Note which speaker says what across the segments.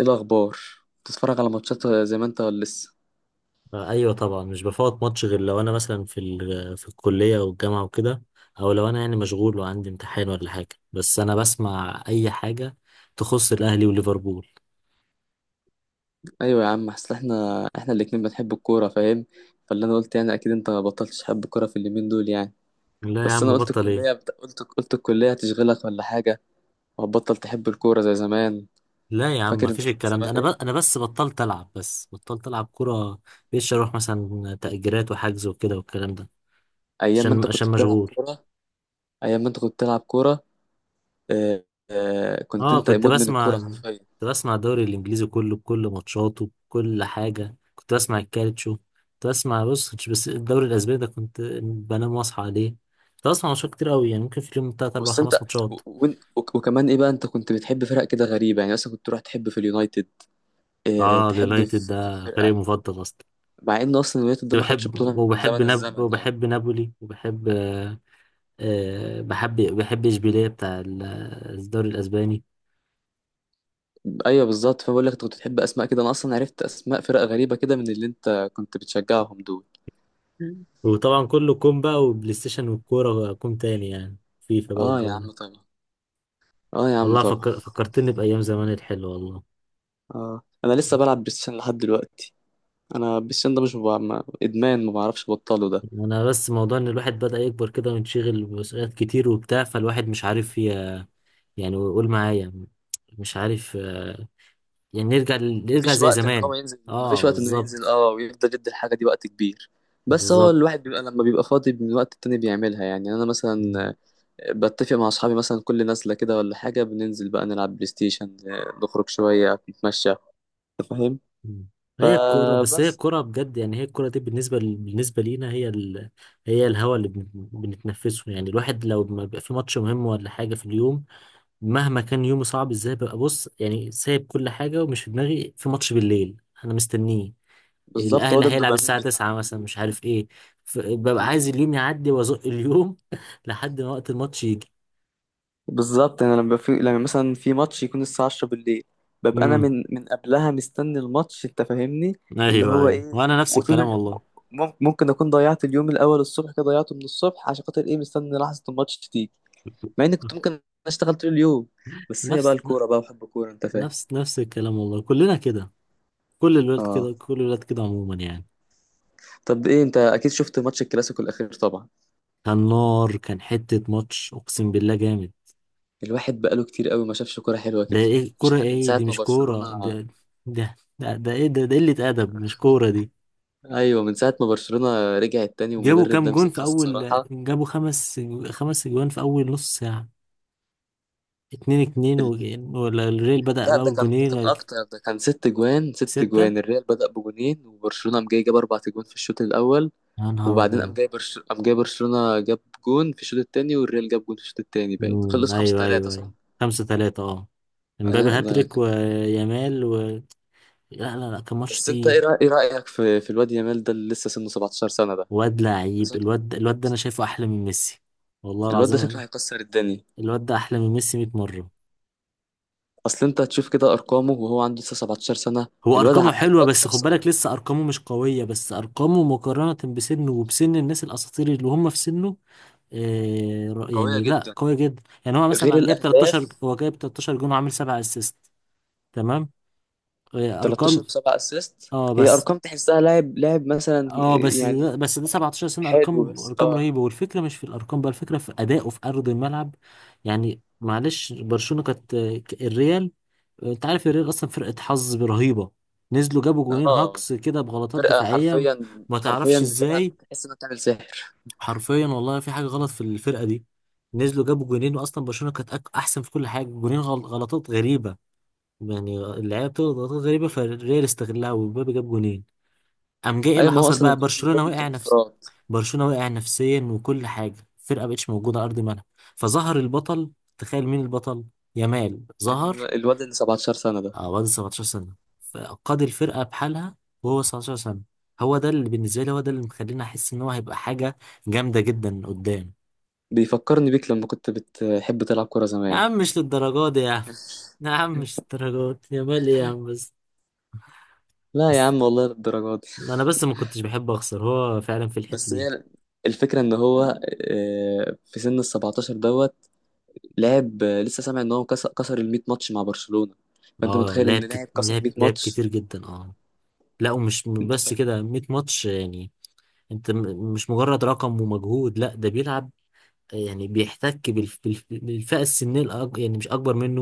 Speaker 1: ايه الاخبار؟ بتتفرج على ماتشات زي ما انت ولا لسه؟
Speaker 2: آه، ايوه طبعا مش بفوت ماتش غير لو انا مثلا في الكليه او الجامعه وكده، او لو انا يعني مشغول وعندي امتحان ولا حاجه. بس انا بسمع اي حاجه تخص الاهلي وليفربول.
Speaker 1: ايوه يا عم، اصل احنا الاتنين بنحب الكوره، فاهم؟ فاللي انا قلت يعني، اكيد انت ما بطلتش تحب الكوره في اليومين دول يعني.
Speaker 2: لا يا
Speaker 1: بس انا
Speaker 2: عم
Speaker 1: قلت
Speaker 2: بطل
Speaker 1: الكليه
Speaker 2: ايه؟
Speaker 1: بت... قلت قلت الكليه هتشغلك ولا حاجه، وهتبطل تحب الكوره زي زمان.
Speaker 2: لا يا عم
Speaker 1: فاكر انت
Speaker 2: مفيش
Speaker 1: كنت
Speaker 2: الكلام ده.
Speaker 1: زمان
Speaker 2: انا
Speaker 1: ايه؟
Speaker 2: بس بطلت العب كوره. بقيتش اروح مثلا تأجيرات وحجز وكده والكلام ده.
Speaker 1: ايام ما انت
Speaker 2: عشان
Speaker 1: كنت بتلعب
Speaker 2: مشغول.
Speaker 1: كوره. ايام ما انت كنت بتلعب كوره. اه... كنت
Speaker 2: اه
Speaker 1: انت مدمن الكوره حرفيا.
Speaker 2: كنت بسمع الدوري الانجليزي كله بكل ماتشاته، بكل حاجه. كنت بسمع الكالتشو، كنت بسمع بص، كنتش بس الدوري الاسباني ده كنت بنام واصحى عليه. كنت بسمع ماتشات كتير قوي، يعني ممكن في اليوم تلات اربع
Speaker 1: بس انت
Speaker 2: خمس ماتشات.
Speaker 1: وكمان ايه بقى، انت كنت بتحب فرق كده غريبه يعني، مثلا كنت تروح تحب في اليونايتد. اه...
Speaker 2: اه
Speaker 1: تحب
Speaker 2: اليونايتد
Speaker 1: في
Speaker 2: ده فريق
Speaker 1: الفرقه.
Speaker 2: مفضل اصلا.
Speaker 1: مع ان اصلا اليونايتد ده
Speaker 2: كنت
Speaker 1: ما خدش
Speaker 2: بحب،
Speaker 1: بطوله من زمن الزمن يعني.
Speaker 2: وبحب نابولي، وبحب آه آه، بحب اشبيليه بتاع الدوري الاسباني.
Speaker 1: ايوه بالظبط، فبقول لك انت كنت بتحب اسماء كده. انا اصلا عرفت اسماء فرق غريبه كده من اللي انت كنت بتشجعهم دول.
Speaker 2: وطبعا كله كوم بقى، وبلاي ستيشن والكوره كوم تاني، يعني فيفا بقى
Speaker 1: اه يا
Speaker 2: والجو ده.
Speaker 1: عم طبعا. اه يا عم
Speaker 2: والله
Speaker 1: طبعا.
Speaker 2: فكرتني بأيام زمان الحلوة والله.
Speaker 1: اه، انا لسه بلعب بلاي ستيشن لحد دلوقتي. انا بلاي ستيشن ده مش ببع... ما... ادمان ما بعرفش ابطله ده.
Speaker 2: أنا بس موضوع إن الواحد بدأ يكبر كده وينشغل بمسؤوليات كتير وبتاع، فالواحد مش عارف يعني ويقول معايا مش عارف يعني نرجع نرجع زي زمان.
Speaker 1: مفيش
Speaker 2: اه
Speaker 1: وقت انه ينزل
Speaker 2: بالظبط.
Speaker 1: ويفضل يدي الحاجه دي وقت كبير. بس هو
Speaker 2: بالظبط.
Speaker 1: الواحد بيبقى لما بيبقى فاضي من وقت التاني بيعملها يعني، انا
Speaker 2: مم.
Speaker 1: مثلا بتفق مع اصحابي مثلا، كل نازله كده ولا حاجه بننزل بقى نلعب بلاي ستيشن، نخرج شويه نتمشى. انت فاهم؟
Speaker 2: مم. هي الكورة، بس هي
Speaker 1: فبس.
Speaker 2: الكورة بجد يعني. هي الكورة دي بالنسبة لينا هي الهوا اللي بنتنفسه يعني. الواحد لو ما بيبقى في ماتش مهم ولا حاجة في اليوم، مهما كان يومي صعب ازاي، ببقى بص يعني سايب كل حاجة ومش في دماغي في ماتش بالليل انا مستنيه.
Speaker 1: بالظبط، هو
Speaker 2: الاهلي
Speaker 1: ده
Speaker 2: هيلعب
Speaker 1: الدوبامين
Speaker 2: الساعة
Speaker 1: بتاعنا.
Speaker 2: 9 مثلا، مش عارف ايه، ببقى عايز اليوم يعدي وازق اليوم لحد ما وقت الماتش يجي.
Speaker 1: بالظبط، انا لما مثلا في ماتش يكون الساعه 10 بالليل، ببقى انا
Speaker 2: امم.
Speaker 1: من قبلها مستني الماتش، انت فاهمني؟ اللي
Speaker 2: ايوه
Speaker 1: هو
Speaker 2: ايوه،
Speaker 1: ايه،
Speaker 2: وانا نفس
Speaker 1: وطول
Speaker 2: الكلام
Speaker 1: اليوم
Speaker 2: والله.
Speaker 1: ممكن اكون ضيعت اليوم الاول الصبح كده، ضيعته من الصبح عشان خاطر ايه؟ مستني لحظه الماتش تيجي، مع اني كنت ممكن اشتغل طول اليوم، بس هي بقى
Speaker 2: نفس،
Speaker 1: الكوره بقى وحب الكوره، انت فاهم؟
Speaker 2: نفس الكلام والله، كلنا كده، كل الولاد
Speaker 1: اه.
Speaker 2: كده، كل الولاد كده عموما يعني.
Speaker 1: طب ايه، انت اكيد شفت ماتش الكلاسيكو الاخير طبعا.
Speaker 2: كان نار، كان حتة ماتش اقسم بالله جامد.
Speaker 1: الواحد بقاله كتير قوي ما شافش كوره حلوه
Speaker 2: ده
Speaker 1: كده.
Speaker 2: ايه
Speaker 1: مش
Speaker 2: كورة
Speaker 1: ع... من
Speaker 2: ايه
Speaker 1: ساعه
Speaker 2: دي؟
Speaker 1: ما
Speaker 2: مش
Speaker 1: برشلونه
Speaker 2: كورة ده. ده ايه ده ده قلة ادب، مش كورة دي.
Speaker 1: ايوه، من ساعه ما برشلونه رجعت تاني
Speaker 2: جابوا
Speaker 1: والمدرب
Speaker 2: كام
Speaker 1: ده
Speaker 2: جون في
Speaker 1: مسكها
Speaker 2: اول؟
Speaker 1: الصراحه.
Speaker 2: جابوا خمس، خمس جوان في اول نص ساعة. اتنين اتنين و...
Speaker 1: ال...
Speaker 2: ولا الريال بدأ
Speaker 1: لا، ده
Speaker 2: بأول
Speaker 1: كان ده
Speaker 2: جونين؟
Speaker 1: كان اكتر، ده كان ست جوان ست
Speaker 2: ستة؟
Speaker 1: جوان. الريال بدأ بجونين وبرشلونه قام جاي جاب اربع جوان في الشوط الاول،
Speaker 2: يا نهار
Speaker 1: وبعدين
Speaker 2: أبيض.
Speaker 1: قام جاي برشلونه جاب جون في الشوط التاني، والريال جاب جون في الشوط التاني، باين
Speaker 2: مم،
Speaker 1: خلص 5
Speaker 2: أيوه
Speaker 1: 3
Speaker 2: أيوه أيوه.
Speaker 1: صح؟
Speaker 2: خمسة تلاتة أه. امبابي
Speaker 1: لا ده
Speaker 2: هاتريك
Speaker 1: كان
Speaker 2: ويامال و... لا لا لا كان ماتش
Speaker 1: بس انت
Speaker 2: تقيل.
Speaker 1: إيه رأيك في الواد يامال ده، اللي لسه سنه 17 سنه ده؟
Speaker 2: واد لعيب
Speaker 1: شكل-
Speaker 2: الواد. الواد ده أنا شايفه أحلى من ميسي، والله
Speaker 1: الواد ده شكله
Speaker 2: العظيم.
Speaker 1: هيكسر الدنيا.
Speaker 2: الواد ده أحلى من ميسي 100 مرة.
Speaker 1: اصل انت هتشوف كده ارقامه، وهو عنده لسه 17 سنه.
Speaker 2: هو أرقامه حلوة،
Speaker 1: الواد
Speaker 2: بس خد
Speaker 1: كسر.
Speaker 2: بالك لسه أرقامه مش قوية. بس أرقامه مقارنة بسنه وبسن الناس الأساطير اللي هم في سنه
Speaker 1: قويه
Speaker 2: يعني لا
Speaker 1: جدا،
Speaker 2: قوي جدا يعني. هو
Speaker 1: غير
Speaker 2: مثلا جايب 13،
Speaker 1: الاهداف.
Speaker 2: جون، وعامل 7 اسيست. تمام. ارقام.
Speaker 1: 13 و7 اسيست،
Speaker 2: اه
Speaker 1: هي
Speaker 2: بس
Speaker 1: ارقام تحسها لاعب لاعب مثلا
Speaker 2: اه بس
Speaker 1: يعني.
Speaker 2: ده 17 سنة،
Speaker 1: حلو
Speaker 2: ارقام،
Speaker 1: بس،
Speaker 2: ارقام
Speaker 1: اه
Speaker 2: رهيبة. والفكرة مش في الارقام بقى، الفكرة في ادائه في ارض الملعب. يعني معلش برشلونة كانت الريال، آه، انت عارف الريال اصلا فرقة حظ رهيبة. نزلوا جابوا جونين
Speaker 1: اه
Speaker 2: هاكس كده بغلطات
Speaker 1: فرقه
Speaker 2: دفاعية،
Speaker 1: حرفيا
Speaker 2: ما
Speaker 1: حرفيا
Speaker 2: تعرفش
Speaker 1: بتلعب،
Speaker 2: ازاي.
Speaker 1: تحس انها بتعمل سحر.
Speaker 2: حرفيا والله في حاجه غلط في الفرقه دي. نزلوا جابوا جونين، واصلا برشلونه كانت احسن في كل حاجه. جونين غلطات غريبه. يعني اللعيبه بتغلط غلطات غريبه، فالريال استغلها ومبابي جاب جونين. قام جاي ايه اللي
Speaker 1: ايوه، ما هو
Speaker 2: حصل
Speaker 1: اصلا
Speaker 2: بقى؟
Speaker 1: الجون اللي
Speaker 2: برشلونه
Speaker 1: جون كان
Speaker 2: وقع نفس،
Speaker 1: انفراد.
Speaker 2: برشلونه وقع نفسيا وكل حاجه، الفرقه مبقتش موجوده على ارض الملعب. فظهر البطل. تخيل مين البطل؟ يامال
Speaker 1: كان
Speaker 2: ظهر.
Speaker 1: الواد اللي 17 سنه ده
Speaker 2: اه بعد 17 سنه، فقاد الفرقه بحالها وهو 19 سنه. هو ده اللي بالنسبه لي، هو ده اللي مخليني احس ان هو هيبقى حاجه جامده جدا قدام.
Speaker 1: بيفكرني بيك لما كنت بتحب تلعب كوره
Speaker 2: يا
Speaker 1: زمان.
Speaker 2: عم مش للدرجات دي يا عم. يا عم مش للدرجات يا مال ايه يا عم بس.
Speaker 1: لا يا
Speaker 2: بس
Speaker 1: عم، والله للدرجات.
Speaker 2: انا بس ما كنتش بحب اخسر، هو فعلا في الحتة
Speaker 1: بس
Speaker 2: دي.
Speaker 1: هي الفكرة ان هو في سن ال 17 دوت لعب، لسه سامع ان هو كسر ال 100 ماتش مع برشلونة. فانت
Speaker 2: اه
Speaker 1: متخيل ان
Speaker 2: لعب كت...
Speaker 1: لاعب كسر 100
Speaker 2: لعب
Speaker 1: ماتش،
Speaker 2: كتير جدا اه. لا ومش
Speaker 1: انت
Speaker 2: بس
Speaker 1: فاهم؟
Speaker 2: كده 100 ماتش يعني. انت مش مجرد رقم ومجهود. لا ده بيلعب يعني، بيحتك بالفئة السنية الأك... يعني مش اكبر منه.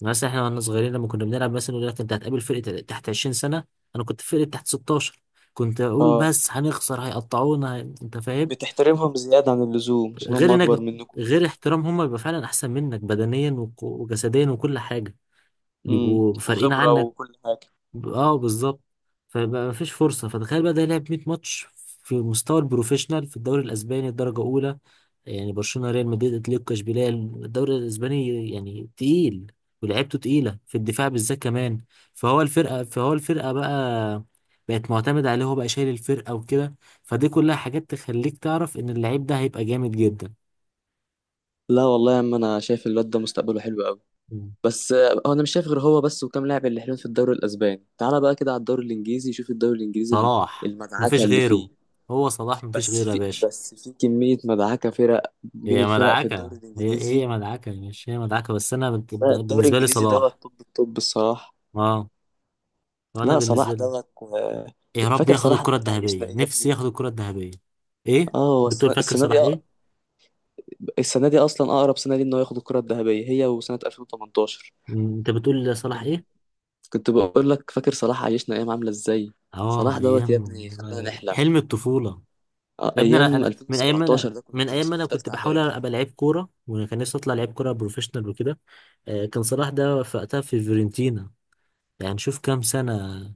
Speaker 2: يعني مثلا احنا واحنا صغيرين لما كنا بنلعب، مثلا يقول لك انت هتقابل فرقة تحت 20 سنة، انا كنت في فرقة تحت 16، كنت اقول
Speaker 1: اه،
Speaker 2: بس هنخسر هيقطعونا انت فاهم.
Speaker 1: بتحترمهم زيادة عن اللزوم عشان هم
Speaker 2: غير انك
Speaker 1: اكبر
Speaker 2: بت...
Speaker 1: منكم.
Speaker 2: غير احترام، هم بيبقى فعلا احسن منك بدنيا وجسديا وكل حاجه، بيبقوا فارقين
Speaker 1: وخبرة
Speaker 2: عنك.
Speaker 1: وكل حاجة.
Speaker 2: اه بالظبط. فبقى مفيش فرصه. فتخيل بقى ده لعب 100 ماتش في مستوى البروفيشنال، في الدوري الاسباني الدرجه اولى، يعني برشلونه ريال مدريد اتلتيكو اشبيليه، الدوري الاسباني يعني تقيل. ولعبته تقيله في الدفاع بالذات كمان. فهو الفرقه بقى بقت معتمد عليه، هو بقى شايل الفرقه وكده. فدي كلها حاجات تخليك تعرف ان اللعيب ده هيبقى جامد جدا.
Speaker 1: لا والله يا عم، انا شايف الواد ده مستقبله حلو قوي. بس هو انا مش شايف غير هو بس وكام لاعب اللي حلوين في الدوري الاسباني. تعالى بقى كده على الدوري الانجليزي، شوف الدوري الانجليزي
Speaker 2: صلاح
Speaker 1: المدعكة
Speaker 2: مفيش
Speaker 1: اللي
Speaker 2: غيره.
Speaker 1: فيه.
Speaker 2: هو صلاح مفيش
Speaker 1: بس
Speaker 2: غيره يا
Speaker 1: في
Speaker 2: باشا.
Speaker 1: بس في كمية مدعكة فرق بين
Speaker 2: هي
Speaker 1: الفرق في الدوري
Speaker 2: مدعكة هي هي
Speaker 1: الإنجليزي.
Speaker 2: مدعكة يا باشا. هي مدعكة، بس أنا
Speaker 1: لا الدوري
Speaker 2: بالنسبة لي
Speaker 1: الإنجليزي
Speaker 2: صلاح.
Speaker 1: دوت. طب الصراحة.
Speaker 2: اه. وأنا
Speaker 1: لا صلاح
Speaker 2: بالنسبة لي
Speaker 1: دوت
Speaker 2: يا رب
Speaker 1: فاكر
Speaker 2: ياخد
Speaker 1: صلاح
Speaker 2: الكرة
Speaker 1: دوت عايشنا
Speaker 2: الذهبية،
Speaker 1: إيه يا
Speaker 2: نفسي
Speaker 1: ابني؟
Speaker 2: ياخد الكرة الذهبية. إيه؟
Speaker 1: اه، هو
Speaker 2: بتقول
Speaker 1: السنة
Speaker 2: فاكر
Speaker 1: السنة دي
Speaker 2: صلاح إيه؟
Speaker 1: السنة دي أصلا أقرب سنة دي إنه ياخد الكرة الذهبية، هي وسنة 2018.
Speaker 2: مم، أنت بتقول صلاح
Speaker 1: كنت
Speaker 2: إيه؟
Speaker 1: كنت بقول لك فاكر صلاح عايشنا أيام عاملة إزاي؟
Speaker 2: اه
Speaker 1: صلاح دوت يا
Speaker 2: أيام.
Speaker 1: ابني، خلانا
Speaker 2: آه،
Speaker 1: نحلم.
Speaker 2: حلم الطفولة. يا ابني أنا،
Speaker 1: أيام 2017
Speaker 2: أنا
Speaker 1: ده
Speaker 2: من
Speaker 1: كنت
Speaker 2: أيام
Speaker 1: في
Speaker 2: ما أنا
Speaker 1: في
Speaker 2: كنت
Speaker 1: تالتة
Speaker 2: بحاول
Speaker 1: إعدادي.
Speaker 2: أبقى لعيب كورة، وكان نفسي أطلع لعيب كورة بروفيشنال وكده، آه، كان صلاح ده في وقتها في فيورنتينا. يعني شوف كام سنة،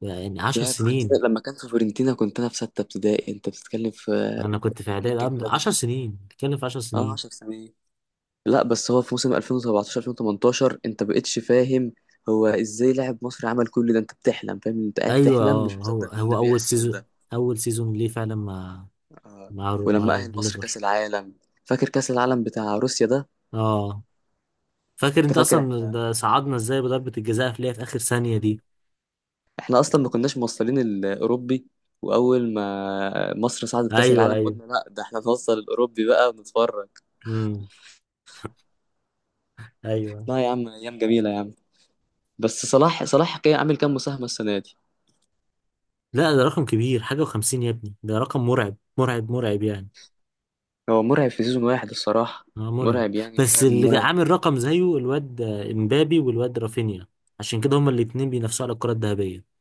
Speaker 2: يعني عشر
Speaker 1: يا فورنتينا،
Speaker 2: سنين.
Speaker 1: لما كان في فورنتينا كنت انا في سته ابتدائي. انت بتتكلم في
Speaker 2: انا كنت في اعدادي
Speaker 1: مدة
Speaker 2: قبل
Speaker 1: كبيرة
Speaker 2: عشر
Speaker 1: جدا.
Speaker 2: سنين، بتكلم في عشر
Speaker 1: اه،
Speaker 2: سنين.
Speaker 1: 10 سنين. لا، بس هو في موسم 2017 2018 انت بقتش فاهم هو ازاي لاعب مصري عمل كل ده؟ انت بتحلم، فاهم؟ انت قاعد
Speaker 2: ايوه
Speaker 1: تحلم
Speaker 2: اه.
Speaker 1: مش
Speaker 2: هو
Speaker 1: مصدق ان اللي
Speaker 2: اول
Speaker 1: بيحصل
Speaker 2: سيزون،
Speaker 1: ده.
Speaker 2: اول سيزون ليه فعلا مع،
Speaker 1: آه. ولما اهل مصر كاس
Speaker 2: الليفر.
Speaker 1: العالم، فاكر كاس العالم بتاع روسيا ده؟
Speaker 2: اه فاكر
Speaker 1: انت
Speaker 2: انت
Speaker 1: فاكر
Speaker 2: اصلا
Speaker 1: احنا
Speaker 2: ده صعدنا ازاي بضربة الجزاء اللي هي في اخر ثانية
Speaker 1: مم.
Speaker 2: دي؟
Speaker 1: احنا اصلا ما كناش موصلين الاوروبي، واول ما مصر صعدت كاس
Speaker 2: ايوه
Speaker 1: العالم
Speaker 2: ايوه.
Speaker 1: قلنا لا ده احنا نوصل الاوروبي بقى ونتفرج.
Speaker 2: امم. ايوه.
Speaker 1: لا يا عم، ايام جميلة يا عم. بس صلاح كان عامل كام مساهمة السنة دي؟
Speaker 2: لا ده رقم كبير، حاجة وخمسين يا ابني، ده رقم مرعب، مرعب، مرعب يعني.
Speaker 1: هو مرعب في سيزون واحد الصراحة.
Speaker 2: اه مرعب.
Speaker 1: مرعب يعني،
Speaker 2: بس
Speaker 1: مرعب مرعب.
Speaker 2: عامل رقم زيه الواد امبابي والواد رافينيا، عشان كده هما الاتنين بينافسوا على الكرة الذهبية.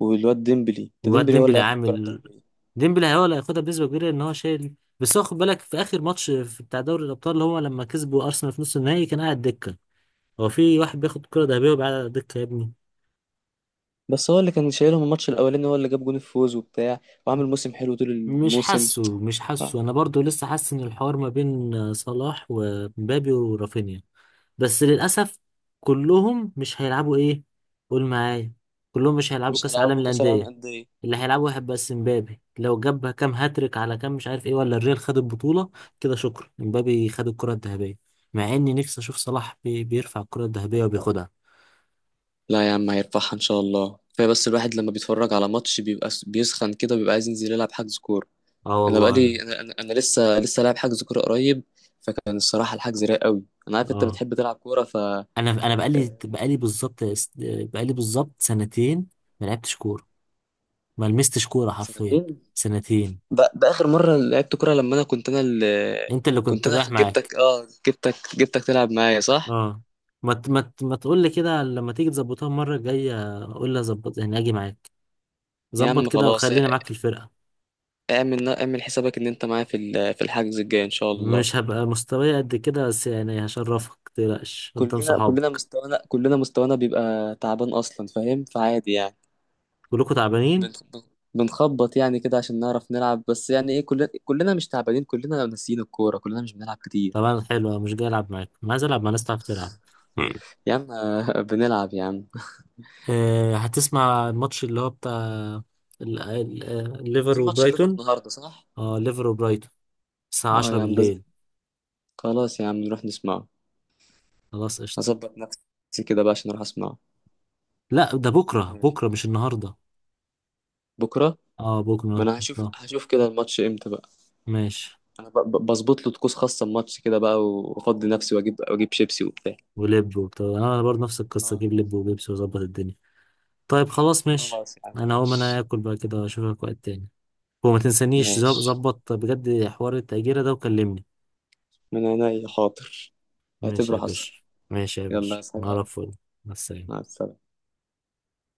Speaker 1: والواد ديمبلي ده،
Speaker 2: وواد
Speaker 1: ديمبلي هو اللي
Speaker 2: ديمبلي
Speaker 1: هياخد الكرة
Speaker 2: عامل،
Speaker 1: الذهبية.
Speaker 2: ديمبلي هو اللي هياخدها بنسبة كبيرة ان هو شايل. بس هو خد بالك في اخر ماتش في بتاع دوري الابطال اللي هو لما كسبوا ارسنال في نص النهائي كان قاعد دكة. هو في واحد بياخد كرة ذهبية وبيقعد على الدكة يا ابني؟
Speaker 1: بس هو اللي كان شايلهم الماتش الأولاني، هو اللي جاب جون الفوز وبتاع، وعامل موسم حلو طول الموسم.
Speaker 2: مش حاسه، انا برضو لسه حاسس ان الحوار ما بين صلاح ومبابي ورافينيا، بس للأسف كلهم مش هيلعبوا إيه؟ قول معايا، كلهم مش هيلعبوا
Speaker 1: مش
Speaker 2: كأس عالم
Speaker 1: هلعبه كأس العالم
Speaker 2: الأندية.
Speaker 1: أندية.
Speaker 2: اللي هيلعبوا هيبقى السنبابي لو جاب كام هاتريك على كام مش عارف إيه، ولا الريال خد البطولة، كده شكرا امبابي خد الكرة الذهبية. مع إني نفسي أشوف صلاح بي بيرفع الكرة الذهبية وبياخدها.
Speaker 1: لا يا عم، هيرفعها إن شاء الله. كفاية، بس الواحد لما بيتفرج على ماتش بيبقى بيسخن كده، بيبقى عايز ينزل يلعب حجز كورة.
Speaker 2: آه
Speaker 1: أنا
Speaker 2: والله. أنا
Speaker 1: بقالي، أنا لسه لاعب حجز كورة قريب. فكان الصراحة الحجز رايق قوي، أنا عارف أنت
Speaker 2: آه.
Speaker 1: بتحب تلعب كورة ف. آه،
Speaker 2: أنا أنا بقالي، بالظبط، بقالي بالظبط سنتين ما لعبتش كورة، ما لمستش كورة حرفيا.
Speaker 1: سنتين.
Speaker 2: سنتين.
Speaker 1: باخر مره لعبت كوره لما انا كنت انا اللي،
Speaker 2: أنت اللي
Speaker 1: كنت
Speaker 2: كنت
Speaker 1: انا
Speaker 2: رايح معاك.
Speaker 1: جبتك اه جبتك جبتك تلعب معايا صح؟
Speaker 2: اه. ما تقول لي كده، لما تيجي تظبطها المره الجايه قول لي، اظبط يعني اجي معاك.
Speaker 1: يا
Speaker 2: ظبط
Speaker 1: عم
Speaker 2: كده
Speaker 1: خلاص،
Speaker 2: وخليني معاك في الفرقه.
Speaker 1: اعمل اعمل حسابك ان انت معايا في الحجز الجاي ان شاء الله.
Speaker 2: مش هبقى مستواي قد كده بس يعني، هشرفك متقلقش قدام
Speaker 1: كلنا كلنا
Speaker 2: صحابك.
Speaker 1: مستوانا كلنا مستوانا بيبقى تعبان اصلا، فاهم؟ فعادي يعني.
Speaker 2: كلكوا تعبانين
Speaker 1: بن- بن- بنخبط يعني كده عشان نعرف نلعب بس يعني ايه. كلنا مش تعبانين، كلنا ناسيين الكوره، كلنا مش بنلعب كتير.
Speaker 2: طبعا. حلو، مش جاي العب معاكم، أنا عايز العب مع ناس تعرف تلعب.
Speaker 1: يا عم بنلعب يا عم.
Speaker 2: آه، هتسمع الماتش اللي هو بتاع ليفر
Speaker 1: في ماتش الليفر
Speaker 2: وبرايتون؟
Speaker 1: النهارده صح؟
Speaker 2: اه ليفر وبرايتون، الساعة
Speaker 1: اه
Speaker 2: 10
Speaker 1: يا عم،
Speaker 2: بالليل.
Speaker 1: خلاص يا عم، نروح نسمعه.
Speaker 2: خلاص قشطة.
Speaker 1: هظبط نفسي كده بقى عشان اروح اسمعه.
Speaker 2: لا ده بكرة، بكرة مش النهاردة.
Speaker 1: بكره.
Speaker 2: اه
Speaker 1: ما
Speaker 2: بكرة.
Speaker 1: انا هشوف
Speaker 2: اه
Speaker 1: هشوف كده الماتش امتى بقى.
Speaker 2: ماشي.
Speaker 1: انا بظبط له طقوس خاصه الماتش كده بقى، وافضي نفسي واجيب شيبسي وبتاع.
Speaker 2: ولب وبتاع، انا برضه نفس القصه
Speaker 1: اه
Speaker 2: اجيب لب وبيبسي واظبط الدنيا. طيب خلاص ماشي.
Speaker 1: خلاص يا عم
Speaker 2: انا هقوم انا
Speaker 1: ماشي.
Speaker 2: اكل بقى كده، اشوفك وقت تاني. وما تنسانيش
Speaker 1: ماشي،
Speaker 2: ظبط بجد حوار التأجيرة ده وكلمني.
Speaker 1: من عينيا حاضر.
Speaker 2: ماشي
Speaker 1: اعتبره
Speaker 2: يا باشا.
Speaker 1: حصل.
Speaker 2: ماشي يا
Speaker 1: يلا يا
Speaker 2: باشا
Speaker 1: سلام.
Speaker 2: نعرف فل. مع
Speaker 1: مع
Speaker 2: السلامة.
Speaker 1: السلامه.